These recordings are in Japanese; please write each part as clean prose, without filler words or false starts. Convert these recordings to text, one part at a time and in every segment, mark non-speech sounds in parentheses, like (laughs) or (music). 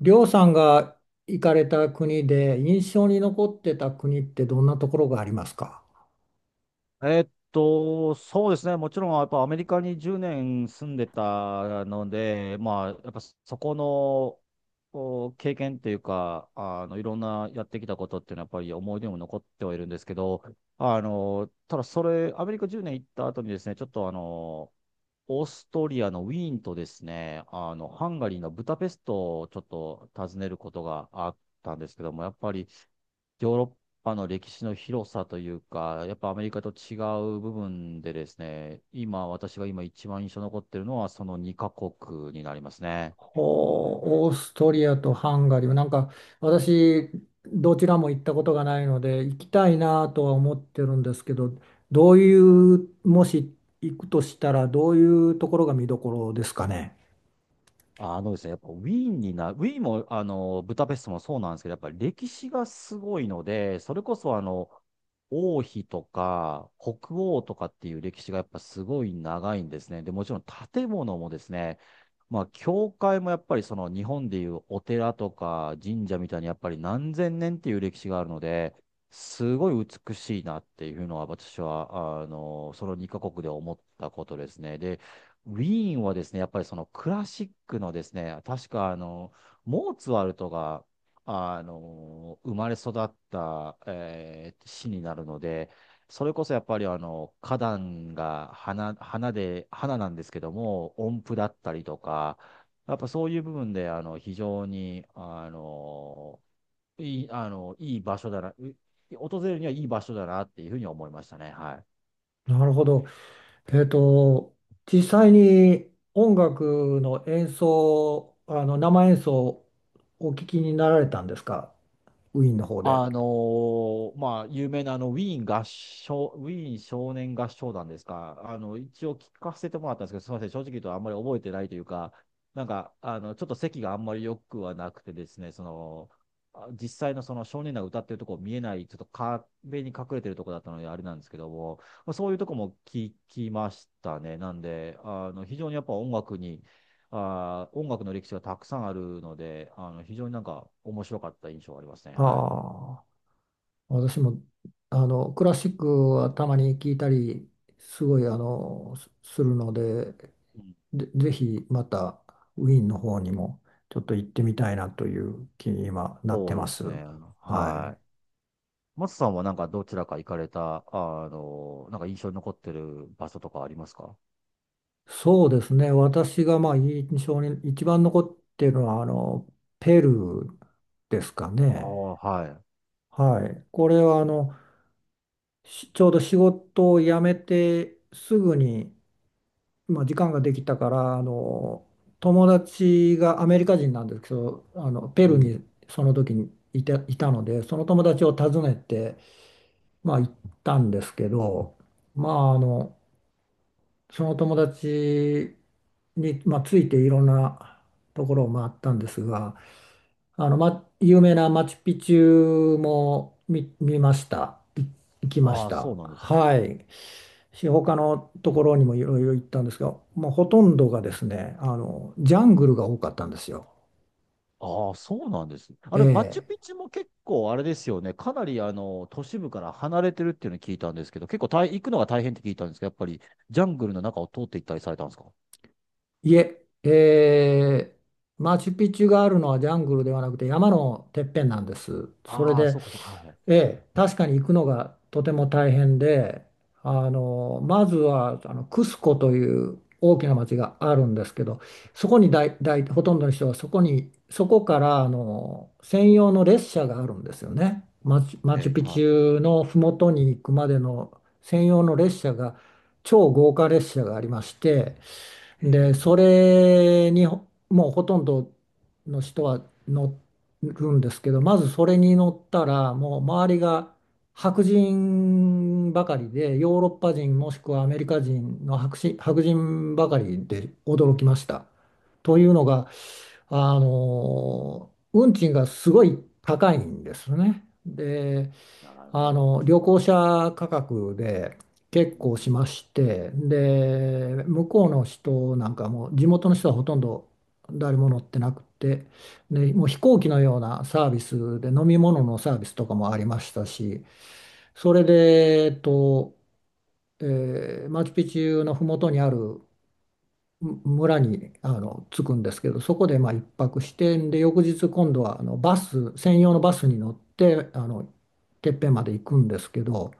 りょうさんが行かれた国で印象に残ってた国ってどんなところがありますか？そうですね。もちろん、やっぱアメリカに10年住んでたので、まあ、やっぱそこのお経験っていうか、いろんなやってきたことっていうのは、やっぱり思い出にも残ってはいるんですけど、ただそれ、アメリカ10年行った後にですね、ちょっとオーストリアのウィーンとですね、ハンガリーのブダペストをちょっと訪ねることがあったんですけども、やっぱりヨーロッパの歴史の広さというか、やっぱアメリカと違う部分でですね、今、私が今一番印象に残ってるのは、その2カ国になりますね。ほう、オーストリアとハンガリー。なんか私、どちらも行ったことがないので行きたいなとは思ってるんですけど、どういう、もし行くとしたらどういうところが見どころですかね。あのですね、やっぱウィーンも、ブダペストもそうなんですけど、やっぱり歴史がすごいので、それこそ王妃とか北欧とかっていう歴史がやっぱすごい長いんですね。で、もちろん建物もですね、まあ、教会もやっぱりその日本でいうお寺とか神社みたいにやっぱり何千年っていう歴史があるので、すごい美しいなっていうのは私は、その2カ国で思ったことですね。で、ウィーンはですね、やっぱりそのクラシックのですね、確かモーツァルトが、生まれ育った、市になるので、それこそやっぱり花壇が花、花で、花なんですけども、音符だったりとか、やっぱそういう部分で、非常に、いい、あの、いい場所だな、訪れるにはいい場所だなっていうふうに思いましたね。はい。なるほど。えっと、実際に音楽の演奏、あの生演奏をお聞きになられたんですか、ウィーンの方で。あのまあ、有名なウィーン少年合唱団ですか、一応聞かせてもらったんですけど、すみません、正直言うとあんまり覚えてないというか、なんかちょっと席があんまり良くはなくてですね、実際のその少年団が歌ってるとこ見えない、ちょっと壁に隠れてるとこだったので、あれなんですけども、まあ、そういうとこも聞きましたね、なんで、非常にやっぱ音楽に、あー、音楽の歴史がたくさんあるので、非常になんか面白かった印象がありますね。はい。ああ、私もあのクラシックはたまに聞いたり、すごいあのすするので、うん。で、ぜひまたウィーンの方にもちょっと行ってみたいなという気に今なっそてうまです。すね。ははい。い。松さんはなんかどちらか行かれた、なんか印象に残ってる場所とかありますか？そうですね。私がまあ印象に一番残っているのはあのペルーですかあね。あ、はい。はい。これはあのしちょうど仕事を辞めてすぐに、まあ、時間ができたからあの友達がアメリカ人なんですけどあのペうルーん。にその時にいたのでその友達を訪ねて、まあ、行ったんですけど、まあ、あのその友達に、まあ、ついていろんなところを回ったんですが、あの、ま、有名なマチュピチュも見ました。行きましああ、そた。うなんですはね。い。他のところにもいろいろ行ったんですが、もうほとんどがですね、あの、ジャングルが多かったんですよ。ああ、そうなんです。あれ、マチュえピチュも結構あれですよね。かなり都市部から離れてるっていうのを聞いたんですけど、結構大行くのが大変って聞いたんですけど、やっぱりジャングルの中を通って行ったりされたんですか？え。いえ、ええ、マチュピチュがあるのはジャングルではなくて山のてっぺんなんです。それああ、で、そうか、そうか。はええ、確かに行くのがとても大変で、あの、まずはあのクスコという大きな町があるんですけど、そこにだい、だい、ほとんどの人はそこに、そこからあの専用の列車があるんですよね。マい。はチュい。ピチはュの麓に行くまでの専用の列車が、超豪華列車がありまして、い。へで、そえ、れにほもうほとんどの人は乗るんですけど、まずそれに乗ったら、もう周りが白人ばかりで、ヨーロッパ人もしくはアメリカ人の白人、白人ばかりで驚きました。というのが、あの、運賃がすごい高いんですね。で、なるほあど。の旅行者価格で結う構しん。まして、で、向こうの人なんかも地元の人はほとんど誰も乗ってなくて、でもう飛行機のようなサービスで飲み物のサービスとかもありましたし、それで、マチュピチュの麓にある村にあの着くんですけど、そこでまあ一泊して、で、翌日今度はあのバス専用のバスに乗ってあのてっぺんまで行くんですけど。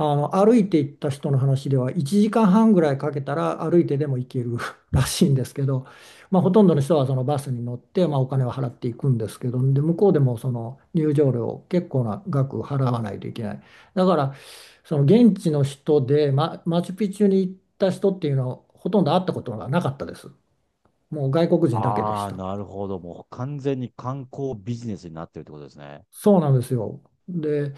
あの、歩いて行った人の話では1時間半ぐらいかけたら歩いてでも行ける (laughs) らしいんですけど、まあ、ほとんどの人はそのバスに乗って、まあ、お金を払っていくんですけど、で、向こうでもその入場料結構な額払わないといけない。だから、その現地の人で、ま、マチュピチュに行った人っていうのはほとんど会ったことがなかったです。もう外国人だけであしあ、た。なるほど。もう完全に観光ビジネスになってるってことですね。そうなんですよ。で、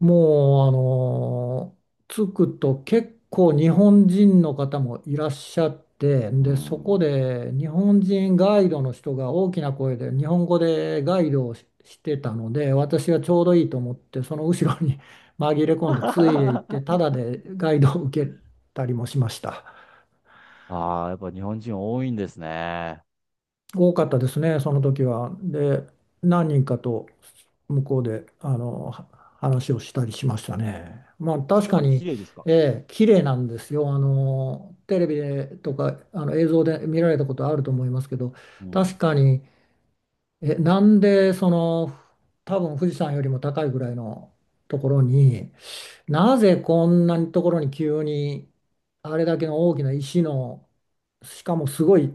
もう、あの着くと結構日本人の方もいらっしゃって、うで、そこん。で日本人ガイドの人が大きな声で日本語でガイドをし、してたので、私はちょうどいいと思って、その後ろに (laughs) 紛れ込んでついでいって、(laughs) ただでガイドを受けたりもしました。ああ、やっぱ日本人多いんですね。多かったですね、その時は。で、何人かと向こうであのは話をしたりしましたね。まあ確やっかぱに、綺麗ですか？ええ、綺麗なんですよ。あのテレビでとかあの映像で見られたことあると思いますけど、う確ん。かに、え、なんでその多分富士山よりも高いぐらいのところになぜこんなところに急にあれだけの大きな石のしかもすごい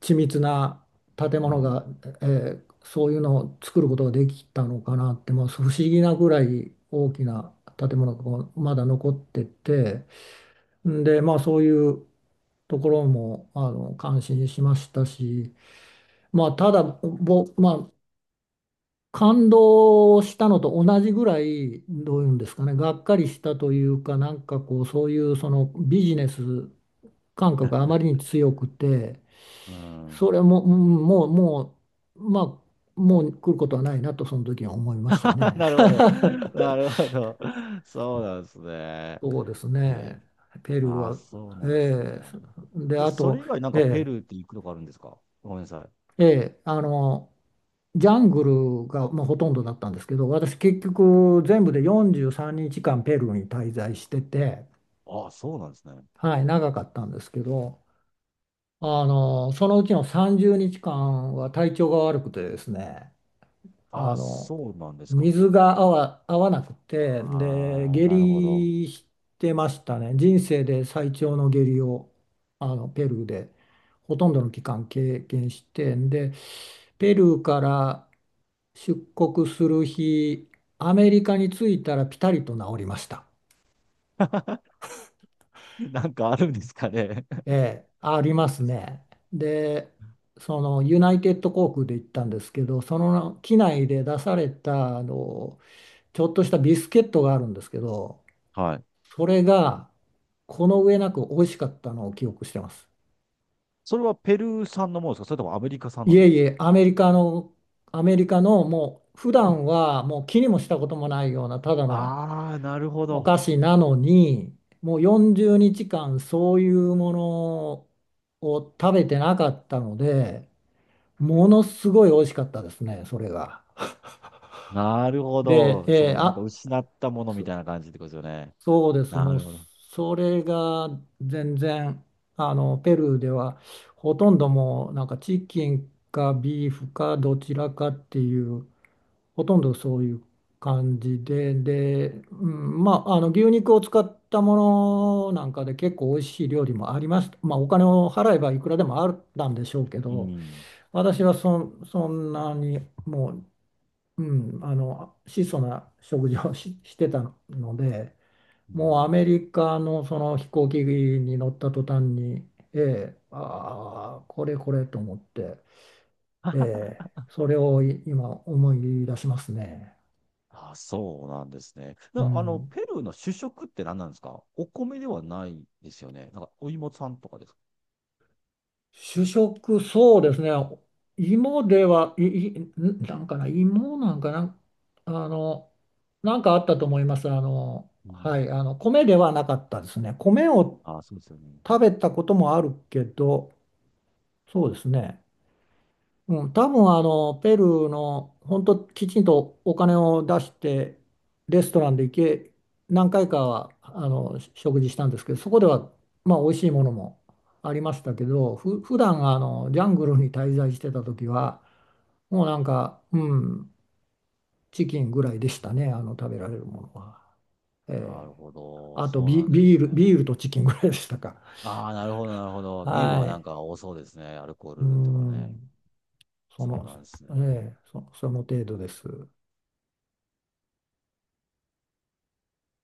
緻密な建う物ん。が、えーそういうのを作ることができたのかなってもう不思議なぐらい大きな建物がこうまだ残ってて、んでまあそういうところもあの感心しましたし、まあただぼ、まあ、感動したのと同じぐらい、どういうんですかね、がっかりしたというか、なんかこう、そういうそのビジネス感覚があまりに強くて、うそん。れも、うんもう、もう、まあ、もう来ることはないなと、その時は思いました (laughs) ね。なるほど。な (laughs) るほど。そうなんですね。そうですへえ。ね、ペルーああ、は、そうえなんですね。で、で、あそれと、以外なんえかペえルーって行くとこあるんですか？ごめんなさい。えあの、ジャングルがまあほとんどだったんですけど、私結局全部で43日間ペルーに滞在してて、ああ、そうなんですね。はい、長かったんですけど、あの、そのうちの30日間は体調が悪くてですね、あああ、の、そうなんですか。水が合わ、合わなくて、で、ああ、下なるほど。痢してましたね。人生で最長の下痢を、あの、ペルーでほとんどの期間経験して、で、ペルーから出国する日、アメリカに着いたらピタリと治りました。(laughs) なんかあるんですかね？え (laughs) え、ありますね。で、そのユナイテッド航空で行ったんですけど、その機内で出されたあのちょっとしたビスケットがあるんですけど、はい。それがこの上なく美味しかったのを記憶してます。それはペルー産のものですか？それともアメリカ産ないんでえすいか？え、アメリカのもう普は段い。はもう気にもしたこともないようなただのああ、なるほおど。菓子なのに、もう40日間そういうものを食べてなかったので、ものすごい美味しかったですね、それが。なるほで、ど。その、なんか失ったものみそ、たいな感じってことですよね。そうです、なもうるほど。それが全然、あの、ペルーではほとんどもうなんかチキンかビーフかどちらかっていうほとんどそういう感じで、で、うん、まあ、あの牛肉を使ったものなんかで結構美味しい料理もあります。まあ、お金を払えばいくらでもあったんでしょうけうど、ん。私はそんなにもう、うん、あの質素な食事をし、してたので、うもうアん。メリカのその飛行機に乗った途端に、ええ、ああ、これこれと思って、ええ、それを今思い出しますね。あ、そうなんですね。うな、あの、ん、ペルーの主食って何なんですか？お米ではないですよね。なんか、お芋さんとかですか？主食、そうですね。芋では、い、い、んなんかな、芋なんかな、あの、なんかあったと思います。あの、うはい、ん。あの、米ではなかったですね。米をあ、そうですよね。食べたこともあるけど、そうですね。うん、多分あのペルーの本当きちんとお金を出してレストランで行け何回かはあのし食事したんですけど、そこではまあ美味しいものもありましたけど、普段あのジャングルに滞在してた時はもうなんか、うん、チキンぐらいでしたねあの食べられるものは、なえるえ。ほど。あとそうなんでビーすル、ね。ビールとチキンぐらいでしたか。ああ、なるほど、なるほど。ビールははない、んか多そうですね。アルコーうルとかね。ん、そそうの、なんですね。ええ、そその程度です。